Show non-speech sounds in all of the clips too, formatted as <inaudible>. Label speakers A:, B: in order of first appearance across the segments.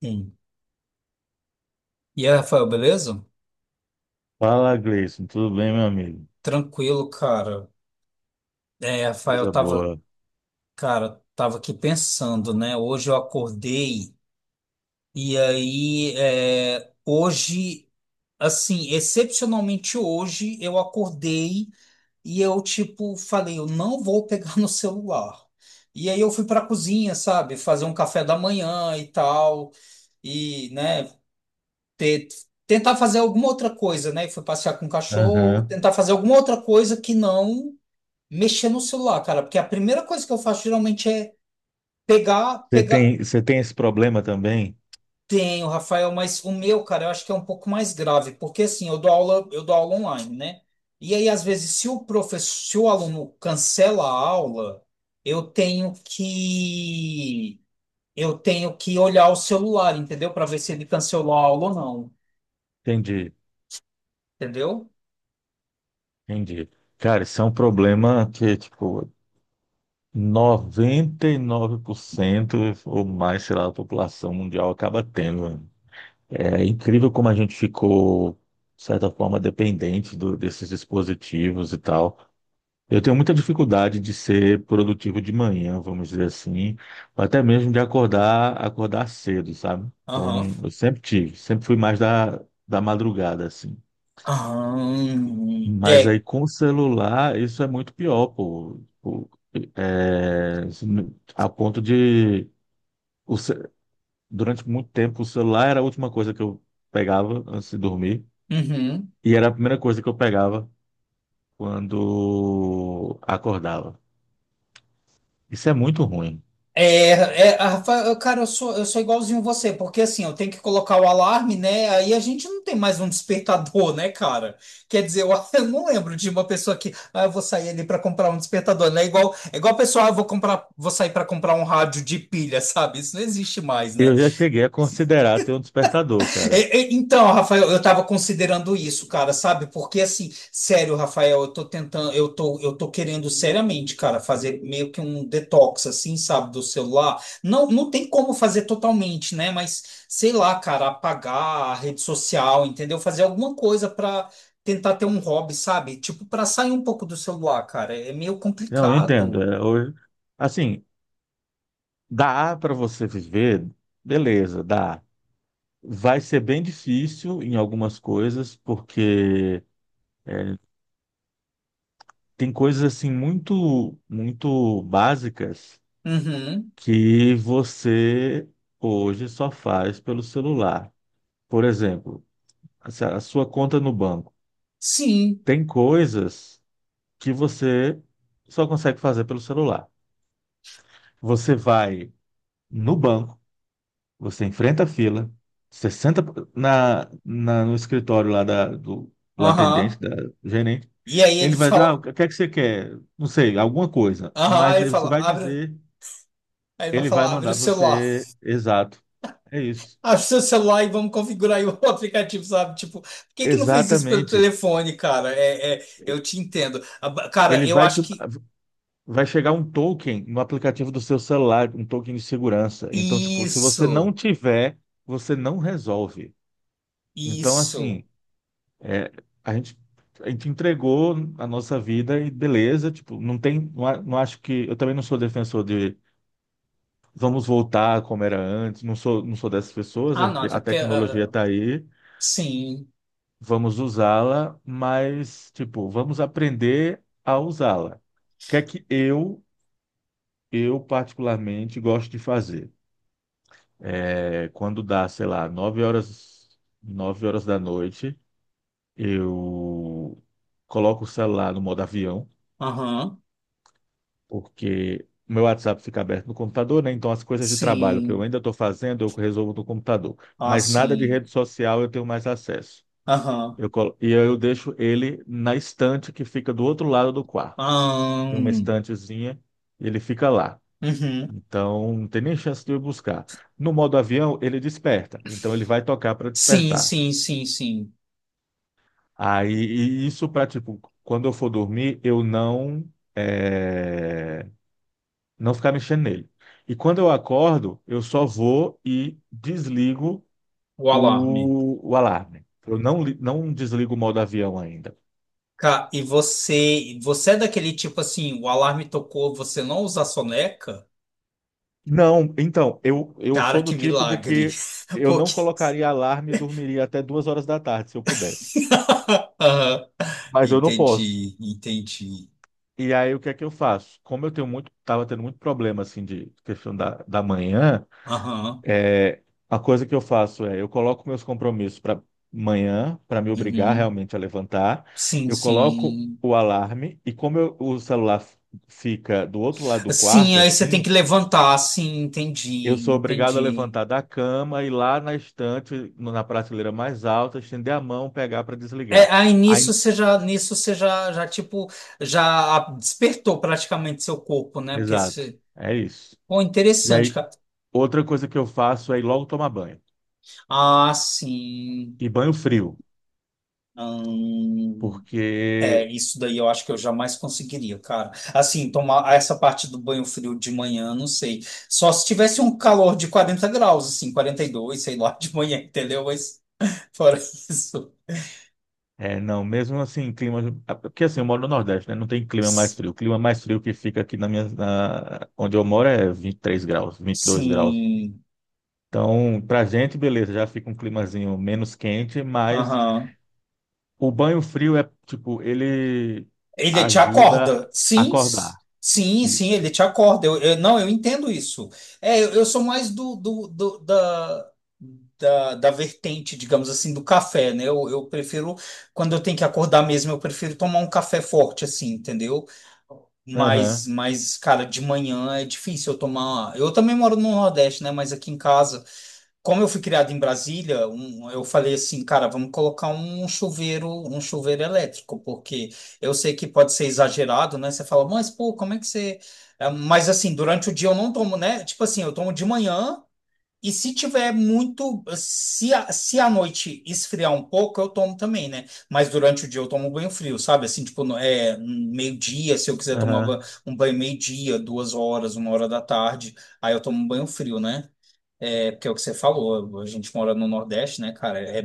A: Sim. E aí, Rafael, beleza?
B: Fala, Gleison. Tudo bem, meu amigo?
A: Tranquilo, cara. É, Rafael,
B: Coisa
A: tava,
B: boa.
A: cara, tava aqui pensando, né? Hoje eu acordei e aí, hoje, assim, excepcionalmente hoje, eu acordei e eu, tipo, falei, eu não vou pegar no celular. E aí eu fui pra cozinha, sabe? Fazer um café da manhã e tal, e, né, ter, tentar fazer alguma outra coisa, né? Fui passear com o cachorro,
B: Aham.
A: tentar fazer alguma outra coisa que não mexer no celular, cara, porque a primeira coisa que eu faço geralmente é pegar,
B: Você
A: pegar.
B: tem, você tem esse problema também?
A: Tenho, Rafael, mas o meu, cara, eu acho que é um pouco mais grave, porque assim, eu dou aula online, né? E aí, às vezes, se o aluno cancela a aula, eu tenho que eu tenho que olhar o celular, entendeu? Para ver se ele cancelou a aula ou não,
B: Entendi,
A: entendeu?
B: entendi. Cara, isso é um problema que, tipo, 99% ou mais, sei lá, da população mundial acaba tendo, mano. É incrível como a gente ficou, de certa forma, dependente desses dispositivos e tal. Eu tenho muita dificuldade de ser produtivo de manhã, vamos dizer assim, ou até mesmo de acordar, acordar cedo, sabe?
A: Aham.
B: Então, eu sempre tive, sempre fui mais da madrugada, assim.
A: Aham.
B: Mas
A: É.
B: aí com o celular, isso é muito pior, pô. Pô, é, a ponto de, o ce- durante muito tempo, o celular era a última coisa que eu pegava antes de dormir,
A: Uhum.
B: e era a primeira coisa que eu pegava quando acordava. Isso é muito ruim.
A: É, é, a Rafa, cara, eu sou igualzinho você, porque assim, eu tenho que colocar o alarme, né? Aí a gente não tem mais um despertador, né, cara? Quer dizer, eu, <laughs> eu não lembro de uma pessoa que, ah, eu vou sair ali para comprar um despertador, né? Igual, é igual a pessoa, ah, vou sair para comprar um rádio de pilha, <laughs> sabe? Isso não existe mais, né?
B: Eu já cheguei a considerar ter um despertador, cara.
A: Então, Rafael, eu estava considerando isso, cara, sabe? Porque assim, sério, Rafael, eu tô tentando, eu tô querendo seriamente, cara, fazer meio que um detox, assim, sabe, do celular. Não, não tem como fazer totalmente, né? Mas sei lá, cara, apagar a rede social, entendeu? Fazer alguma coisa para tentar ter um hobby, sabe? Tipo, para sair um pouco do celular, cara. É meio
B: Não, eu entendo.
A: complicado.
B: É, hoje, assim, dá para você viver, beleza, dá. Vai ser bem difícil em algumas coisas, porque tem coisas assim muito, muito básicas
A: Uhum.
B: que você hoje só faz pelo celular. Por exemplo, a sua conta no banco.
A: Sim.
B: Tem coisas que você só consegue fazer pelo celular. Você vai no banco. Você enfrenta a fila, você senta no escritório lá do atendente,
A: Aham.
B: da do gerente.
A: E aí ele
B: Ele vai dizer, ah, o
A: fala,
B: que é que você quer? Não sei, alguma coisa.
A: aham,
B: Mas
A: ele
B: aí você
A: fala,
B: vai
A: abre,
B: dizer,
A: aí ele vai
B: ele vai
A: falar, abre o
B: mandar
A: celular.
B: você, exato. É isso.
A: Acha o seu celular e vamos configurar aí o <laughs> aplicativo, sabe? Tipo, por que que não fez isso pelo
B: Exatamente.
A: telefone, cara? Eu te entendo. Cara,
B: Ele
A: eu
B: vai te,
A: acho que
B: vai chegar um token no aplicativo do seu celular, um token de segurança. Então, tipo, se você não
A: isso,
B: tiver, você não resolve. Então,
A: isso.
B: assim, é, a gente, a gente entregou a nossa vida e beleza, tipo, não tem, não, não acho que, eu também não sou defensor de vamos voltar como era antes, não sou, não sou dessas pessoas, a,
A: Ah, não, até
B: a
A: porque.
B: tecnologia
A: Ah,
B: está aí,
A: sim,
B: vamos usá-la, mas, tipo, vamos aprender a usá-la. O que é que eu particularmente gosto de fazer? É, quando dá, sei lá, nove horas da noite, eu coloco o celular no modo avião,
A: aham,
B: porque o meu WhatsApp fica aberto no computador, né? Então as coisas de trabalho que eu
A: sim,
B: ainda estou fazendo, eu resolvo no computador.
A: ah,
B: Mas nada de
A: sim,
B: rede social eu tenho mais acesso.
A: aham,
B: E eu deixo ele na estante que fica do outro lado do quarto. Tem uma
A: ahn,
B: estantezinha e ele fica lá.
A: uhum,
B: Então, não tem nem chance de eu buscar. No modo avião, ele desperta. Então, ele vai tocar para
A: sim,
B: despertar.
A: sim, sim, sim.
B: Aí, e isso para, tipo, quando eu for dormir, eu não, eh, não ficar mexendo nele. E quando eu acordo, eu só vou e desligo
A: O alarme.
B: o alarme. Eu não, não desligo o modo avião ainda.
A: E você é daquele tipo assim, o alarme tocou, você não usa a soneca?
B: Não, então, eu
A: Cara,
B: sou
A: que
B: do tipo de
A: milagre.
B: que
A: <laughs>
B: eu não
A: Porque
B: colocaria alarme e dormiria até duas horas da tarde, se eu pudesse.
A: <laughs> aham.
B: Mas eu não posso.
A: Entendi, entendi.
B: E aí, o que é que eu faço? Como eu tenho muito, estava tendo muito problema, assim, de questão da manhã,
A: Aham.
B: é, a coisa que eu faço é, eu coloco meus compromissos para manhã, para me obrigar
A: Uhum.
B: realmente a levantar.
A: Sim,
B: Eu coloco
A: sim.
B: o alarme e o celular fica do outro lado do
A: Sim,
B: quarto,
A: aí você tem
B: assim,
A: que levantar, sim,
B: eu
A: entendi,
B: sou obrigado a
A: entendi.
B: levantar da cama, ir lá na estante, na prateleira mais alta, estender a mão, pegar para
A: É,
B: desligar.
A: aí
B: Aí,
A: nisso você já, já tipo, já despertou praticamente seu corpo, né? Porque
B: exato,
A: você...
B: é isso.
A: Pô,
B: E
A: interessante,
B: aí,
A: cara.
B: outra coisa que eu faço é ir logo tomar banho.
A: Ah, sim.
B: E banho frio,
A: Hum. É,
B: porque
A: isso daí eu acho que eu jamais conseguiria, cara. Assim, tomar essa parte do banho frio de manhã, não sei. Só se tivesse um calor de 40 graus, assim, 42, sei lá, de manhã, entendeu? Mas fora <laughs> isso.
B: é, não, mesmo assim, clima, é, porque assim, eu moro no Nordeste, né? Não tem clima mais frio. O clima mais frio que fica aqui na onde eu moro é 23 graus, vinte e dois graus.
A: Sim.
B: Então, pra gente, beleza, já fica um climazinho menos quente, mas
A: Aham.
B: o banho frio é, tipo, ele
A: Ele te
B: ajuda
A: acorda.
B: a
A: Sim,
B: acordar.
A: sim, sim, ele
B: Isso.
A: te acorda. Não, eu entendo isso. É, eu sou mais do, do, da vertente, digamos assim, do café, né? Eu prefiro, quando eu tenho que acordar mesmo, eu prefiro tomar um café forte, assim, entendeu? Mas,
B: Aham,
A: mas, cara, de manhã é difícil eu tomar. Eu também moro no Nordeste, né? Mas aqui em casa como eu fui criado em Brasília, eu falei assim, cara, vamos colocar um chuveiro elétrico, porque eu sei que pode ser exagerado, né? Você fala, mas pô, como é que você. Mas assim, durante o dia eu não tomo, né? Tipo assim, eu tomo de manhã e se tiver muito, se à noite esfriar um pouco, eu tomo também, né? Mas durante o dia eu tomo banho frio, sabe? Assim, tipo, é meio-dia, se eu quiser tomar
B: aham,
A: um banho meio-dia, 2 horas, 1 hora da tarde, aí eu tomo banho frio, né? É, porque é o que você falou, a gente mora no Nordeste, né, cara? É,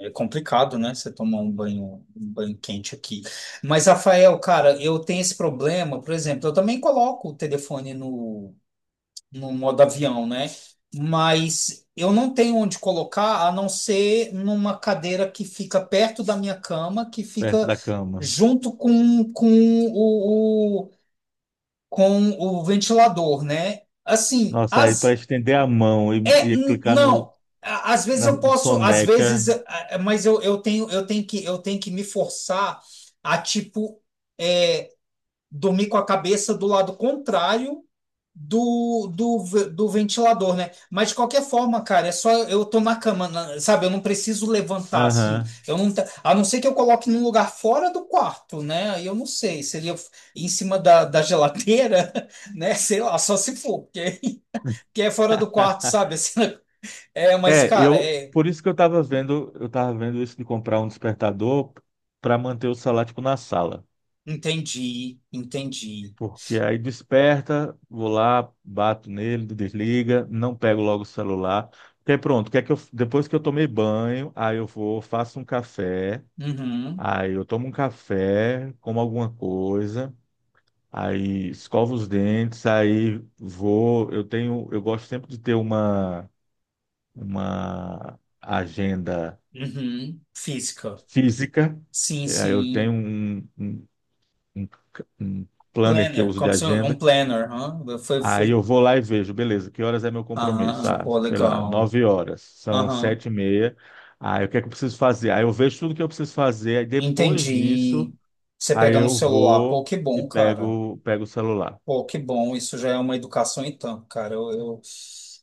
A: é, é complicado, né? Você tomar um banho quente aqui. Mas, Rafael, cara, eu tenho esse problema, por exemplo, eu também coloco o telefone no modo avião, né? Mas eu não tenho onde colocar a não ser numa cadeira que fica perto da minha cama, que
B: perto
A: fica
B: da cama.
A: junto o, o- com o ventilador, né? Assim,
B: Nossa, aí para
A: as
B: estender a mão
A: é,
B: e clicar
A: não,
B: no,
A: às vezes
B: na
A: eu posso, às
B: soneca.
A: vezes, mas eu tenho que me forçar a, tipo, é, dormir com a cabeça do lado contrário do ventilador, né? Mas de qualquer forma, cara, é só eu tô na cama, sabe? Eu não preciso levantar assim.
B: Aham.
A: Eu não, a não ser que eu coloque num lugar fora do quarto, né? Aí eu não sei, seria em cima da geladeira, <laughs> né? Sei lá, só se for, porque é fora do quarto, sabe? <laughs> Assim, né? É, mas,
B: É,
A: cara,
B: eu
A: é.
B: por isso que eu tava vendo isso de comprar um despertador para manter o celular tipo, na sala,
A: Entendi, entendi.
B: porque aí desperta, vou lá, bato nele, desliga, não pego logo o celular. Porque aí pronto, que é que eu, depois que eu tomei banho, aí eu vou, faço um café,
A: Uhum,
B: aí eu tomo um café, como alguma coisa, aí escovo os dentes, aí vou, eu tenho, eu gosto sempre de ter uma agenda
A: uhum. Física.
B: física.
A: Sim,
B: É, eu tenho
A: sim.
B: um- um planner que eu
A: Planner,
B: uso de
A: como se um
B: agenda.
A: planner. Hã? Foi,
B: Aí
A: foi.
B: eu vou lá e vejo, beleza, que horas é meu
A: Ah,
B: compromisso? Ah,
A: pô,
B: sei lá,
A: legal.
B: nove horas, são
A: Aham.
B: sete e meia. Aí o que é que eu preciso fazer? Aí eu vejo tudo que eu preciso fazer, aí depois
A: Entendi.
B: disso,
A: Você
B: aí
A: pega no
B: eu
A: celular. Pô,
B: vou
A: que
B: e
A: bom, cara.
B: pego, pego o celular.
A: Pô, que bom. Isso já é uma educação, então, cara. Eu, eu,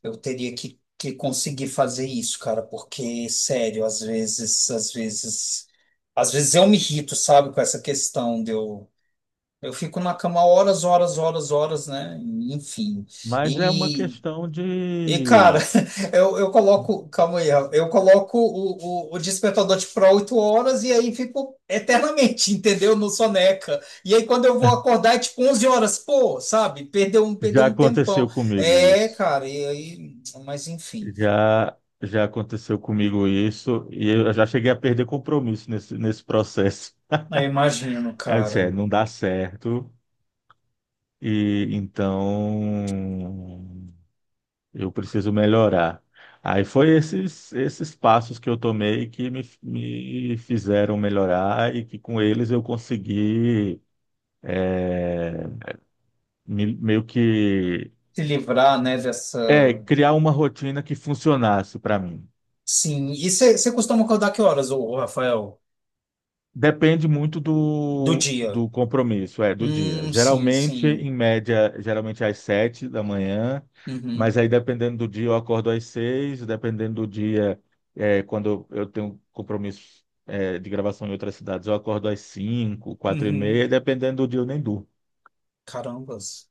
A: eu teria que conseguir fazer isso, cara, porque, sério, às vezes, às vezes. Às vezes eu me irrito, sabe, com essa questão de eu. Eu fico na cama horas, horas, horas, horas, né? Enfim.
B: Mas é uma
A: E,
B: questão
A: e, cara,
B: de.
A: <laughs> eu coloco. Calma aí, Rafa. Eu coloco o despertador tipo, para 8 horas e aí fico eternamente, <laughs> entendeu? No soneca. E aí quando eu vou
B: <laughs>
A: acordar é tipo 11 horas, pô, sabe? Perdeu um, perdeu
B: Já
A: um tempão.
B: aconteceu comigo
A: É,
B: isso.
A: cara, e aí. Mas enfim.
B: Já, já aconteceu comigo isso e eu já cheguei a perder compromisso nesse processo.
A: Aí imagino,
B: Aí eu disse,
A: cara.
B: é, não dá certo e então eu preciso melhorar. Aí foi esses passos que eu tomei que me fizeram melhorar e que com eles eu consegui é, meio que
A: Se livrar, né,
B: é,
A: dessa.
B: criar uma rotina que funcionasse para mim.
A: Sim. E você costuma acordar que horas, ô, Rafael?
B: Depende muito
A: Do dia?
B: do compromisso, é, do dia.
A: Sim,
B: Geralmente,
A: sim.
B: em média, geralmente às sete da manhã,
A: Uhum,
B: mas aí dependendo do dia eu acordo às seis, dependendo do dia, é, quando eu tenho compromisso, é, de gravação em outras cidades, eu acordo às cinco, quatro e
A: uhum.
B: meia, dependendo do dia eu nem durmo.
A: Carambas.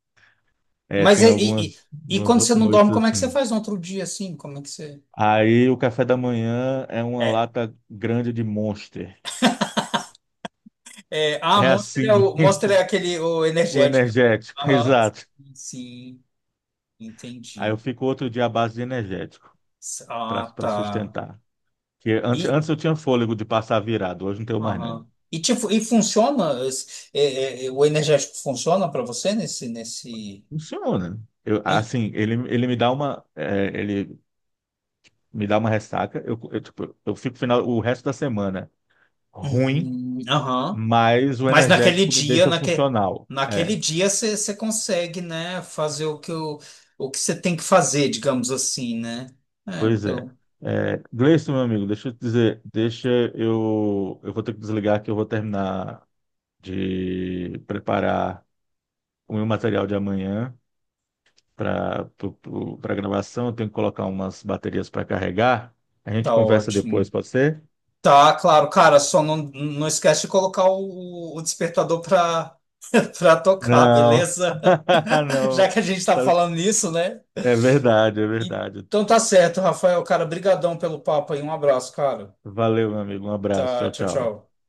B: É,
A: Mas
B: tem
A: e, e, e-
B: algumas,
A: e
B: algumas
A: quando você
B: outras
A: não
B: noites
A: dorme, como é que você
B: assim.
A: faz no outro dia assim? Como é que você.
B: Aí o café da manhã é uma
A: É,
B: lata grande de Monster.
A: ah,
B: É
A: Monster é,
B: assim,
A: Monster é
B: <laughs>
A: aquele o
B: o
A: energético, né?
B: energético, <laughs>
A: Aham.
B: exato.
A: Sim,
B: Aí eu
A: entendi.
B: fico outro dia à base de energético para
A: Ah,
B: para
A: tá.
B: sustentar. Que antes,
A: E,
B: antes eu tinha fôlego de passar virado, hoje não tenho mais não.
A: aham. E, tipo, e funciona? O energético funciona para você nesse...
B: Funciona. Eu,
A: em-
B: assim, ele me dá uma é, ele me dá uma ressaca. Eu, tipo, eu fico final o resto da semana ruim,
A: Aham.
B: mas o
A: Mas
B: energético me deixa funcional.
A: naquele
B: É,
A: dia você consegue, né, fazer o que você tem que fazer, digamos assim, né? É,
B: pois é.
A: então,
B: É, Gleison, meu amigo, deixa eu te dizer, deixa eu vou ter que desligar que eu vou terminar de preparar o meu material de amanhã, para para gravação, eu tenho que colocar umas baterias para carregar. A gente
A: tá
B: conversa depois,
A: ótimo.
B: pode ser?
A: Tá, claro, cara, só não esquece de colocar o despertador pra, <laughs> pra tocar,
B: Não,
A: beleza?
B: <laughs>
A: <laughs>
B: não.
A: Já que a gente tá
B: Tá-
A: falando nisso, né?
B: é verdade, é verdade.
A: Então tá certo, Rafael, cara, brigadão pelo papo aí, um abraço, cara.
B: Valeu, meu amigo. Um abraço.
A: Tá,
B: Tchau,
A: tchau,
B: tchau.
A: tchau.